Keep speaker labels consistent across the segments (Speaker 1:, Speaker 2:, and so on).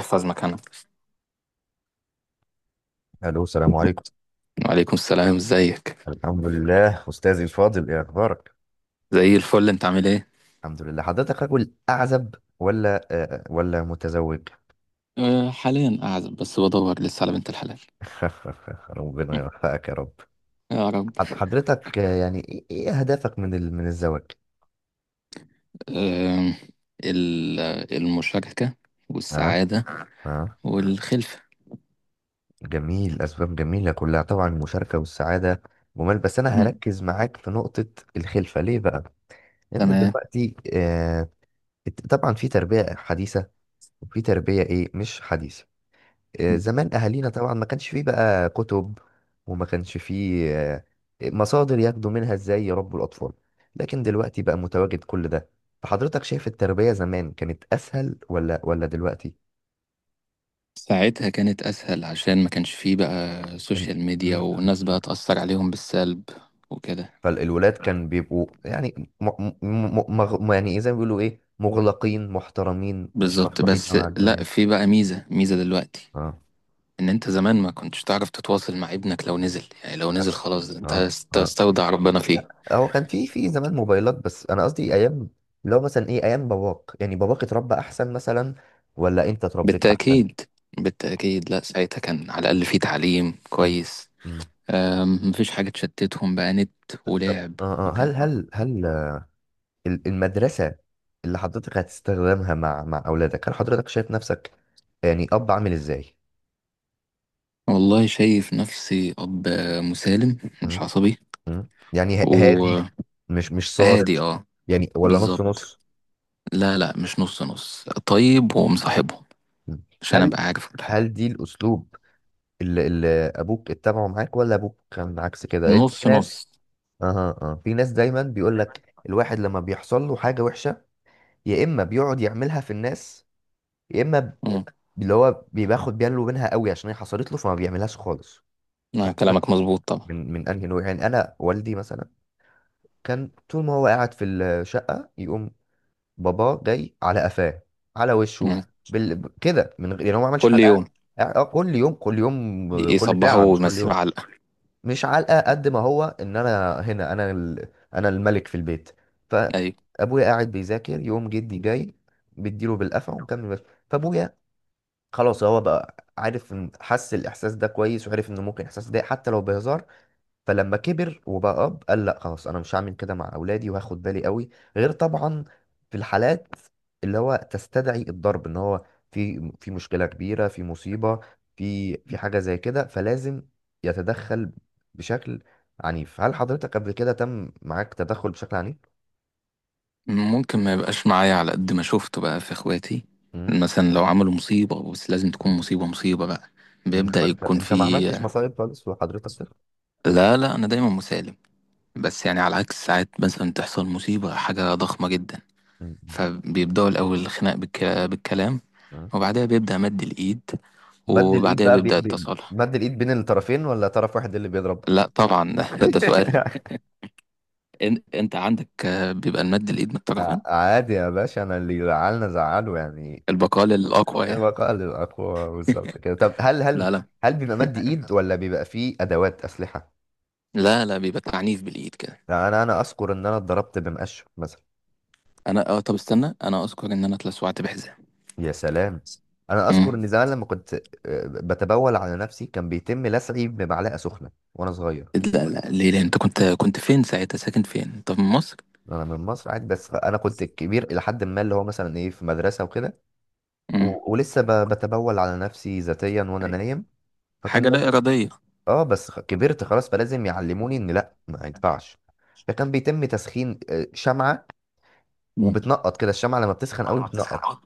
Speaker 1: احفظ مكانها.
Speaker 2: الو، السلام عليكم.
Speaker 1: وعليكم السلام، ازيك؟
Speaker 2: الحمد لله، استاذي الفاضل، ايه اخبارك؟
Speaker 1: زي الفل، انت عامل ايه؟
Speaker 2: الحمد لله. حضرتك رجل اعزب ولا متزوج؟
Speaker 1: حاليا قاعد بس بدور لسه على بنت الحلال.
Speaker 2: ربنا يوفقك يا رب.
Speaker 1: يا رب.
Speaker 2: حضرتك، يعني إيه اهدافك من الزواج؟
Speaker 1: أه ال- المشاركة
Speaker 2: اه.
Speaker 1: والسعادة
Speaker 2: اه.
Speaker 1: والخلفة.
Speaker 2: جميل، اسباب جميله كلها طبعا، المشاركه والسعاده. جمال. بس انا
Speaker 1: مم.
Speaker 2: هركز معاك في نقطه: الخلفه ليه بقى؟ لان
Speaker 1: تمام.
Speaker 2: دلوقتي، طبعا في تربيه حديثه وفي تربيه مش حديثه.
Speaker 1: مم.
Speaker 2: زمان اهالينا طبعا ما كانش فيه بقى كتب وما كانش فيه مصادر ياخدوا منها ازاي يربوا الاطفال، لكن دلوقتي بقى متواجد كل ده. فحضرتك شايف التربية زمان كانت اسهل ولا دلوقتي؟
Speaker 1: ساعتها كانت أسهل عشان ما كانش فيه بقى
Speaker 2: إن-
Speaker 1: سوشيال
Speaker 2: م-
Speaker 1: ميديا
Speaker 2: م-
Speaker 1: والناس
Speaker 2: م.
Speaker 1: بقى تأثر عليهم بالسلب وكده.
Speaker 2: فالولاد كان بيبقوا يعني يعني زي ما بيقولوا مغلقين محترمين، مش
Speaker 1: بالظبط،
Speaker 2: مفتوحين
Speaker 1: بس
Speaker 2: قوي على
Speaker 1: لا،
Speaker 2: الدنيا.
Speaker 1: في بقى ميزة دلوقتي،
Speaker 2: اه،
Speaker 1: ان انت زمان ما كنتش تعرف تتواصل مع ابنك لو نزل، يعني لو نزل
Speaker 2: للاسف.
Speaker 1: خلاص انت
Speaker 2: اه. اه.
Speaker 1: تستودع ربنا فيه.
Speaker 2: لا، هو كان في زمان موبايلات، بس انا قصدي ايام اللي هو مثلا ايام باباك، يعني باباك اتربى احسن مثلا ولا انت اتربيت احسن؟
Speaker 1: بالتأكيد، بالتأكيد، لا ساعتها كان على الأقل في تعليم
Speaker 2: مم.
Speaker 1: كويس.
Speaker 2: مم.
Speaker 1: مفيش حاجة تشتتهم بقى نت
Speaker 2: طب،
Speaker 1: ولعب
Speaker 2: هل
Speaker 1: وكده.
Speaker 2: هل هل المدرسة اللي حضرتك هتستخدمها مع اولادك، هل حضرتك شايف نفسك يعني اب عامل ازاي؟
Speaker 1: والله شايف نفسي أب مسالم مش
Speaker 2: مم.
Speaker 1: عصبي
Speaker 2: مم. يعني ه-
Speaker 1: وهادي.
Speaker 2: هادي مش صارم؟
Speaker 1: اه.
Speaker 2: يعني ولا نص
Speaker 1: بالظبط.
Speaker 2: نص؟
Speaker 1: لا لا، مش نص نص، طيب ومصاحبهم
Speaker 2: مم.
Speaker 1: عشان
Speaker 2: هل
Speaker 1: أبقى عارف كل حاجة.
Speaker 2: هل دي الاسلوب اللي ابوك اتبعه معاك، ولا ابوك كان عكس كده؟ لان في
Speaker 1: نص
Speaker 2: ناس.
Speaker 1: نص.
Speaker 2: اها، اه، في ناس دايما بيقول لك الواحد لما بيحصل له حاجه وحشه يا اما بيقعد يعملها في الناس، يا اما
Speaker 1: مم.
Speaker 2: اللي هو بياخد باله منها قوي عشان هي حصلت له فما بيعملهاش خالص.
Speaker 1: آه،
Speaker 2: فحضرتك
Speaker 1: كلامك مظبوط طبعا.
Speaker 2: من انهي نوع؟ يعني انا والدي مثلا كان طول ما هو قاعد في الشقه يقوم بابا جاي على قفاه، على وشه،
Speaker 1: مم.
Speaker 2: كده من غير يعني، هو ما عملش
Speaker 1: كل
Speaker 2: حاجه، قاعد
Speaker 1: يوم
Speaker 2: اه، كل يوم، كل يوم، كل ساعه،
Speaker 1: يصبحوا
Speaker 2: مش كل
Speaker 1: ويمسيه
Speaker 2: يوم.
Speaker 1: علقة.
Speaker 2: مش علقه، قد ما هو ان انا هنا، انا انا الملك في البيت.
Speaker 1: أيوة.
Speaker 2: فابويا قاعد بيذاكر، يقوم جدي جاي بيديله بالقفا ومكمل بس. فابويا خلاص هو بقى عارف حس الاحساس ده كويس، وعرف انه ممكن الاحساس ده حتى لو بهزار. فلما كبر وبقى اب، قال لا خلاص، انا مش هعمل كده مع اولادي، وهاخد بالي قوي. غير طبعا في الحالات اللي هو تستدعي الضرب، ان هو في مشكله كبيره، في مصيبه، في حاجه زي كده، فلازم يتدخل بشكل عنيف. هل حضرتك قبل كده تم معاك تدخل بشكل عنيف؟
Speaker 1: ممكن ما يبقاش معايا على قد ما شفته بقى في إخواتي،
Speaker 2: امم.
Speaker 1: مثلا لو عملوا مصيبة، بس لازم تكون مصيبة بقى، بيبدأ
Speaker 2: انما انت،
Speaker 1: يكون في.
Speaker 2: ما عملتش مصايب خالص وحضرتك
Speaker 1: لا لا، أنا دايما مسالم، بس يعني على عكس ساعات مثلا تحصل مصيبة حاجة ضخمة جدا،
Speaker 2: مم.
Speaker 1: فبيبدأوا الأول الخناق بالكلام،
Speaker 2: مم.
Speaker 1: وبعدها بيبدأ مد الإيد،
Speaker 2: مد الايد
Speaker 1: وبعدها
Speaker 2: بقى
Speaker 1: بيبدأ التصالح.
Speaker 2: مد الايد بين الطرفين ولا طرف واحد اللي بيضرب؟
Speaker 1: لا طبعا، ده سؤال؟ أنت عندك بيبقى المد الإيد من
Speaker 2: ع-
Speaker 1: الطرفين.
Speaker 2: عادي يا باشا، انا اللي زعلنا زعله يعني.
Speaker 1: البقال الأقوى يعني.
Speaker 2: بقاء للأقوى، بالظبط كده. طب،
Speaker 1: لا لا،
Speaker 2: هل بيبقى مد ايد ولا بيبقى فيه ادوات اسلحه؟
Speaker 1: لا بيبقى تعنيف بالايد كده.
Speaker 2: لا، انا اذكر ان انا اتضربت بمقشف مثلا.
Speaker 1: انا اه، طب استنى، انا اذكر ان انا اتلسعت بحزام.
Speaker 2: يا سلام، انا اذكر
Speaker 1: امم.
Speaker 2: ان زمان لما كنت، بتبول على نفسي، كان بيتم لسعي بمعلقه سخنه وانا صغير.
Speaker 1: لا لا، ليه؟ لأ، انت كنت فين ساعتها؟ ساكن فين انت؟ في مصر؟
Speaker 2: انا من مصر عادي، بس انا كنت كبير الى حد ما، اللي هو مثلا في مدرسه وكده،
Speaker 1: امم.
Speaker 2: ولسه بتبول على نفسي ذاتيا وانا
Speaker 1: أيوة.
Speaker 2: نايم.
Speaker 1: حاجه
Speaker 2: فكان،
Speaker 1: لا اراديه.
Speaker 2: اه، بس كبرت خلاص، فلازم يعلموني ان لا، ما ينفعش. فكان بيتم تسخين شمعة،
Speaker 1: امم،
Speaker 2: وبتنقط كده الشمعة لما بتسخن
Speaker 1: طبعا
Speaker 2: قوي
Speaker 1: لما بتسخن
Speaker 2: بتنقط.
Speaker 1: أوي.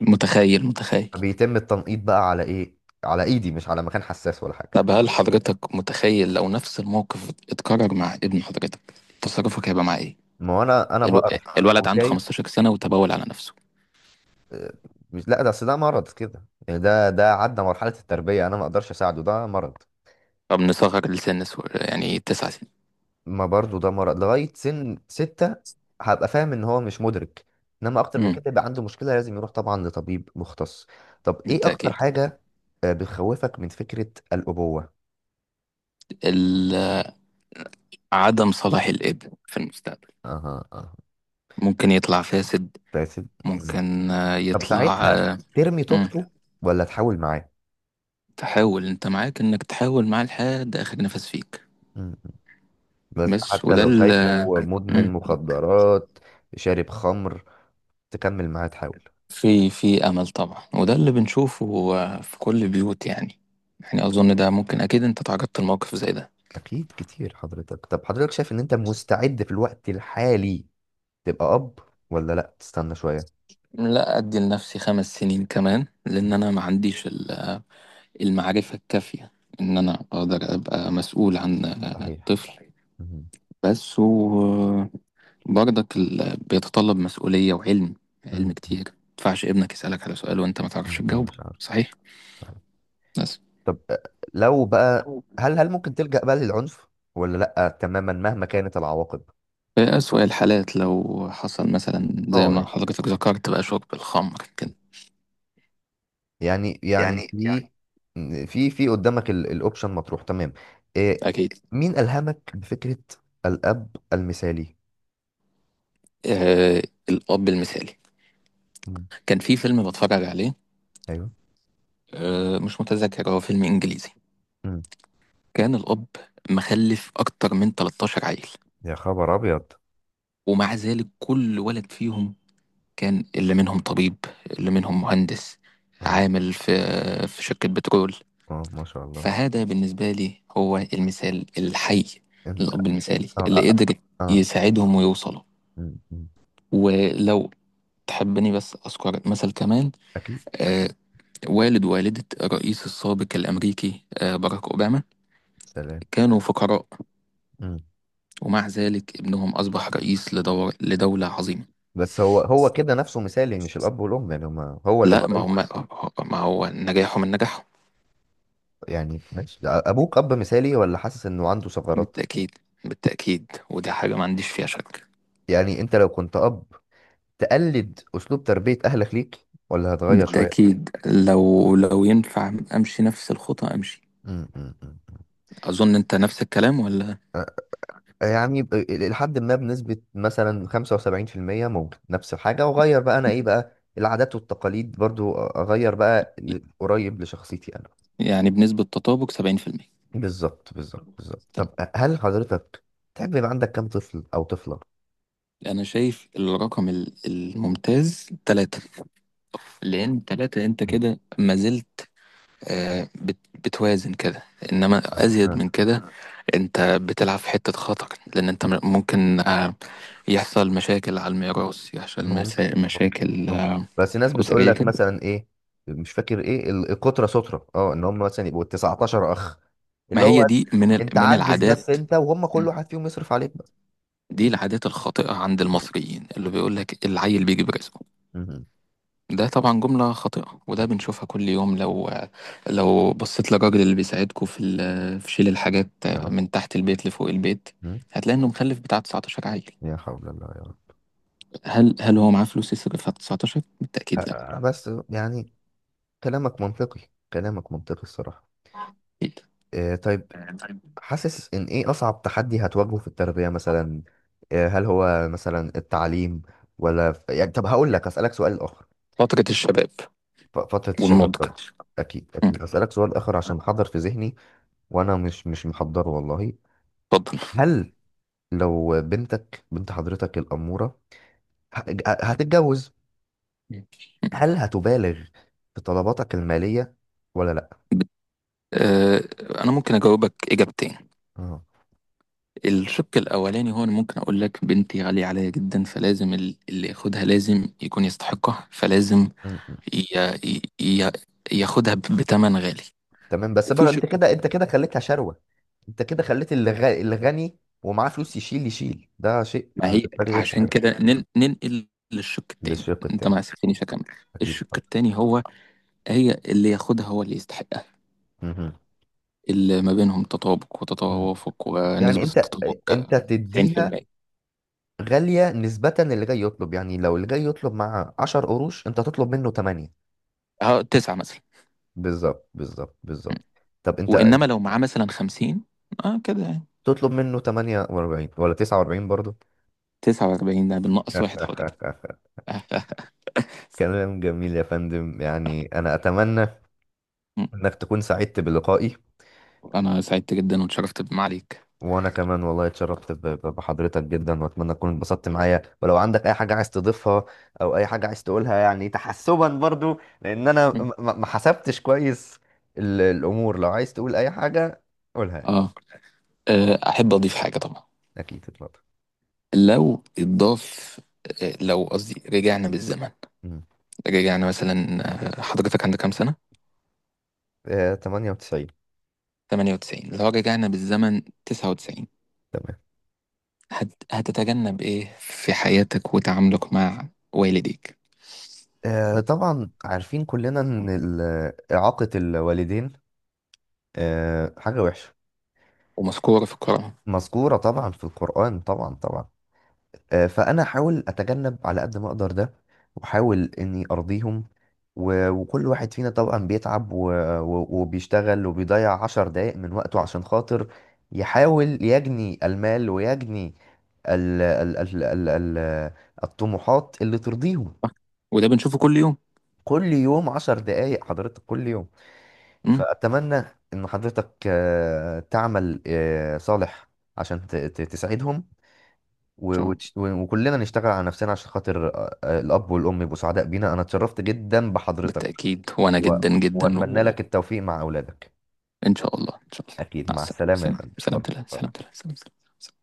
Speaker 1: متخيل، متخيل.
Speaker 2: بيتم التنقيط بقى على ايه؟ على ايدي، مش على مكان حساس ولا حاجة.
Speaker 1: طب هل حضرتك متخيل لو نفس الموقف اتكرر مع ابن حضرتك، تصرفك هيبقى مع ايه؟
Speaker 2: ما هو انا،
Speaker 1: الو...
Speaker 2: بقرف
Speaker 1: الولد عنده
Speaker 2: وشايف
Speaker 1: 15 سنه وتبول على نفسه؟
Speaker 2: آه، مش، لا، ده اصل ده مرض كده يعني، ده عدى مرحلة التربية، انا ما اقدرش اساعده، ده مرض.
Speaker 1: طب نصغر لسن يعني تسع سنين.
Speaker 2: ما برضو ده مرض لغاية سن 6 هبقى فاهم ان هو مش مدرك، انما اكتر من
Speaker 1: امم.
Speaker 2: كده يبقى عنده مشكلة لازم يروح طبعا لطبيب مختص. طب ايه اكتر
Speaker 1: بالتاكيد.
Speaker 2: حاجة بتخوفك من فكرة الأبوة؟
Speaker 1: ال... عدم صلاح الابن في المستقبل،
Speaker 2: اها. اها.
Speaker 1: ممكن يطلع فاسد،
Speaker 2: بس- مم.
Speaker 1: ممكن
Speaker 2: طب
Speaker 1: يطلع
Speaker 2: ساعتها ترمي
Speaker 1: مم.
Speaker 2: توبته ولا تحاول معاه؟
Speaker 1: تحاول. انت معاك انك تحاول معاه لحد اخر نفس فيك.
Speaker 2: مم. بس
Speaker 1: بس
Speaker 2: حتى
Speaker 1: وده
Speaker 2: لو
Speaker 1: اللي،
Speaker 2: شايفه مدمن مخدرات، شارب خمر، تكمل معاه تحاول؟
Speaker 1: في في امل طبعا، وده اللي بنشوفه آه، في كل البيوت يعني. يعني اظن ده ممكن، اكيد انت تعرضت لموقف زي ده.
Speaker 2: اكيد، كتير حضرتك. طب، حضرتك شايف ان انت مستعد في الوقت الحالي تبقى اب، ولا لا، تستنى شويه؟
Speaker 1: لا، ادي لنفسي خمس سنين كمان
Speaker 2: مم.
Speaker 1: لان انا ما عنديش المعرفة الكافية ان انا اقدر ابقى مسؤول عن آه،
Speaker 2: صحيح.
Speaker 1: طفل.
Speaker 2: مهم.
Speaker 1: بس و برضك بيتطلب مسؤولية وعلم. علم
Speaker 2: مم.
Speaker 1: كتير، ما ينفعش ابنك يسألك على سؤال وانت ما تعرفش
Speaker 2: مم. ده
Speaker 1: تجاوبه.
Speaker 2: مش عارف.
Speaker 1: صحيح، بس
Speaker 2: طب، لو بقى، هل ممكن تلجأ بقى للعنف، ولا لا تماما مهما كانت العواقب؟
Speaker 1: في أسوأ الحالات لو حصل مثلا زي ما
Speaker 2: اه،
Speaker 1: حضرتك ذكرت بقى شرب الخمر كده.
Speaker 2: يعني
Speaker 1: يعني
Speaker 2: في، في قدامك الاوبشن مطروح تمام؟ إيه.
Speaker 1: أكيد.
Speaker 2: مين ألهمك بفكرة الأب المثالي؟
Speaker 1: آه. الأب المثالي
Speaker 2: مم.
Speaker 1: كان في فيلم بتفرج عليه.
Speaker 2: ايوه.
Speaker 1: آه، مش متذكر، هو فيلم إنجليزي.
Speaker 2: مم.
Speaker 1: كان الأب مخلف أكتر من 13 عيل،
Speaker 2: يا خبر ابيض.
Speaker 1: ومع ذلك كل ولد فيهم كان، اللي منهم طبيب، اللي منهم مهندس،
Speaker 2: اه.
Speaker 1: عامل في في شركة بترول.
Speaker 2: اه. ما شاء الله.
Speaker 1: فهذا بالنسبة لي هو المثال الحي
Speaker 2: انت.
Speaker 1: للأب المثالي
Speaker 2: اه،
Speaker 1: اللي قدر
Speaker 2: آه.
Speaker 1: يساعدهم ويوصلوا.
Speaker 2: مم. مم.
Speaker 1: ولو تحبني بس أذكر مثل كمان،
Speaker 2: اكيد.
Speaker 1: آه، والد ووالدة الرئيس السابق الأمريكي آه باراك أوباما،
Speaker 2: سلام.
Speaker 1: كانوا فقراء،
Speaker 2: مم.
Speaker 1: ومع ذلك ابنهم أصبح رئيس لدولة عظيمة.
Speaker 2: بس هو، هو كده نفسه مثالي، مش الاب والام يعني، هما، هو اللي بقى
Speaker 1: لا، ما
Speaker 2: رئيس.
Speaker 1: هم، ما هو نجاحه من نجاحهم.
Speaker 2: يعني ماشي، ابوك اب مثالي ولا حاسس انه عنده ثغرات؟
Speaker 1: بالتأكيد، بالتأكيد، ودي حاجة ما عنديش فيها شك.
Speaker 2: يعني انت لو كنت اب، تقلد اسلوب تربيه اهلك ليك ولا هتغير شويه؟
Speaker 1: بالتأكيد، لو ينفع أمشي نفس الخطى أمشي.
Speaker 2: م- م- م- م.
Speaker 1: أظن أنت نفس الكلام ولا؟
Speaker 2: يعني لحد ما بنسبه مثلا 75%، ممكن نفس الحاجه، واغير بقى انا ايه بقى العادات والتقاليد برضو، اغير بقى قريب لشخصيتي انا.
Speaker 1: يعني بنسبة تطابق 70%.
Speaker 2: بالظبط، بالظبط، بالظبط. طب،
Speaker 1: تمام.
Speaker 2: هل حضرتك تحب يبقى عندك كام طفل او طفله؟
Speaker 1: أنا شايف الرقم الممتاز تلاتة، لأن تلاتة أنت كده ما زلت آه، بتوازن كده، إنما أزيد
Speaker 2: م.
Speaker 1: من كده أنت بتلعب في حتة خطر، لأن أنت ممكن آه، يحصل مشاكل على الميراث، يحصل
Speaker 2: ممكن، ممكن،
Speaker 1: مشاكل
Speaker 2: ممكن،
Speaker 1: آه،
Speaker 2: بس ناس بتقول
Speaker 1: أسرية.
Speaker 2: لك يعني مثلا مش فاكر ايه القطرة سترة، اه، ان هم مثلا يبقوا 19 اخ،
Speaker 1: ما
Speaker 2: اللي هو
Speaker 1: هي دي من
Speaker 2: انت
Speaker 1: من
Speaker 2: عجز. بس
Speaker 1: العادات.
Speaker 2: انت وهم كل
Speaker 1: مم.
Speaker 2: واحد فيهم يصرف عليك بقى.
Speaker 1: دي العادات الخاطئة عند المصريين اللي بيقول لك العيل بيجي برزقه.
Speaker 2: مهم.
Speaker 1: ده طبعا جملة خاطئة، وده
Speaker 2: اكيد.
Speaker 1: بنشوفها كل يوم. لو بصيت للراجل اللي بيساعدكوا في في شيل الحاجات
Speaker 2: اه.
Speaker 1: من تحت البيت لفوق البيت،
Speaker 2: مم.
Speaker 1: هتلاقي انه مخلف بتاع 19 عيل.
Speaker 2: يا حول الله يا رب.
Speaker 1: هل هل هو معاه فلوس يصرف على 19؟ بالتأكيد لا.
Speaker 2: بس يعني كلامك منطقي، كلامك منطقي الصراحة.
Speaker 1: أكيد.
Speaker 2: طيب، حاسس ان ايه اصعب تحدي هتواجهه في التربية مثلا؟ هل هو مثلا التعليم ولا يعني، طب هقول لك، اسألك سؤال اخر.
Speaker 1: فترة الشباب
Speaker 2: فترة الشباب
Speaker 1: والنضج.
Speaker 2: طبعا. أكيد،
Speaker 1: مم.
Speaker 2: أكيد. أسألك سؤال آخر عشان محضر في ذهني، وأنا مش محضره والله.
Speaker 1: اتفضل.
Speaker 2: هل، لو بنتك، بنت حضرتك الأمورة، ه- هتتجوز،
Speaker 1: مم.
Speaker 2: هل هتبالغ في طلباتك المالية ولا لأ؟
Speaker 1: بت- آه، انا ممكن اجاوبك اجابتين.
Speaker 2: اه.
Speaker 1: الشق الأولاني هو أنا ممكن أقول لك بنتي غالية عليا جدا، فلازم اللي ياخدها لازم يكون يستحقها، فلازم
Speaker 2: م- م.
Speaker 1: ي... ي... ي- ياخدها بتمن غالي.
Speaker 2: تمام، بس
Speaker 1: وفي
Speaker 2: بقى
Speaker 1: شق
Speaker 2: أنت كده،
Speaker 1: تاني،
Speaker 2: أنت كده خليتها شروة، أنت كده خليت اللي اللي غني ومعاه فلوس يشيل، يشيل ده شيء
Speaker 1: ما هي
Speaker 2: بالنسبة لي غير
Speaker 1: عشان
Speaker 2: صحيح.
Speaker 1: كده ننقل للشق التاني،
Speaker 2: للشق
Speaker 1: أنت
Speaker 2: التاني.
Speaker 1: ما سبتنيش أكمل.
Speaker 2: أكيد.
Speaker 1: الشق التاني هو، هي اللي ياخدها هو اللي يستحقها،
Speaker 2: مهم.
Speaker 1: اللي ما بينهم تطابق
Speaker 2: مهم.
Speaker 1: وتوافق
Speaker 2: يعني
Speaker 1: ونسبة
Speaker 2: أنت،
Speaker 1: التطابق
Speaker 2: أنت تديها
Speaker 1: 90%،
Speaker 2: غالية، نسبة اللي جاي يطلب، يعني لو اللي جاي يطلب مع 10 قروش انت تطلب منه 8.
Speaker 1: أهو تسعة مثلا.
Speaker 2: بالظبط، بالظبط، بالظبط. طب انت
Speaker 1: وإنما لو معاه مثلا 50، أه كده يعني
Speaker 2: تطلب منه 48 ولا 49 برضه؟
Speaker 1: 49، ده بالنقص واحد حضرتك.
Speaker 2: كلام جميل يا فندم. يعني انا اتمنى
Speaker 1: أه.
Speaker 2: انك تكون سعدت بلقائي،
Speaker 1: انا سعدت جدا واتشرفت بمعاليك.
Speaker 2: وانا كمان والله اتشرفت بحضرتك جدا، واتمنى تكون اتبسطت معايا. ولو عندك اي حاجه عايز تضيفها او اي حاجه عايز تقولها، يعني تحسبا برضو لان انا ما حسبتش كويس الامور، لو عايز تقول اي حاجه قولها يعني.
Speaker 1: اه، آه، احب اضيف حاجه طبعا.
Speaker 2: اكيد، اتفضل.
Speaker 1: لو اتضاف آه، لو قصدي رجعنا بالزمن،
Speaker 2: مم.
Speaker 1: رجعنا مثلا، آه، حضرتك عندك كام سنه؟
Speaker 2: 98.
Speaker 1: 98. لو رجعنا بالزمن 99،
Speaker 2: تمام.
Speaker 1: هتتجنب ايه في حياتك وتعاملك مع والديك؟
Speaker 2: طبعا عارفين كلنا ان اعاقه الوالدين حاجه وحشه،
Speaker 1: ومذكوره في القرآن.
Speaker 2: مذكوره طبعا في القران، طبعا، طبعا. فانا احاول اتجنب على قد ما اقدر ده، واحاول اني ارضيهم، وكل واحد فينا طبعا بيتعب، وبيشتغل وبيضيع 10 دقايق من وقته عشان خاطر يحاول يجني المال ويجني ال ال ال ال ال الطموحات اللي ترضيهم.
Speaker 1: صح؟ وده بنشوفه كل يوم.
Speaker 2: كل يوم 10 دقايق حضرتك، كل يوم.
Speaker 1: امم. ان
Speaker 2: فأتمنى إن حضرتك تعمل صالح عشان تساعدهم،
Speaker 1: شاء الله.
Speaker 2: وكلنا نشتغل على نفسنا عشان خاطر الأب والأم يبقوا سعداء بينا. أنا اتشرفت جدا بحضرتك،
Speaker 1: بالتاكيد، وانا
Speaker 2: و...
Speaker 1: جدا جدا،
Speaker 2: وأتمنى
Speaker 1: وان
Speaker 2: لك التوفيق مع أولادك.
Speaker 1: شاء الله، ان شاء الله.
Speaker 2: أكيد،
Speaker 1: مع
Speaker 2: مع
Speaker 1: السلامه،
Speaker 2: السلامة يا فندم،
Speaker 1: سلام
Speaker 2: اتفضل،
Speaker 1: سلام سلام
Speaker 2: اتفضل.
Speaker 1: سلام سلام.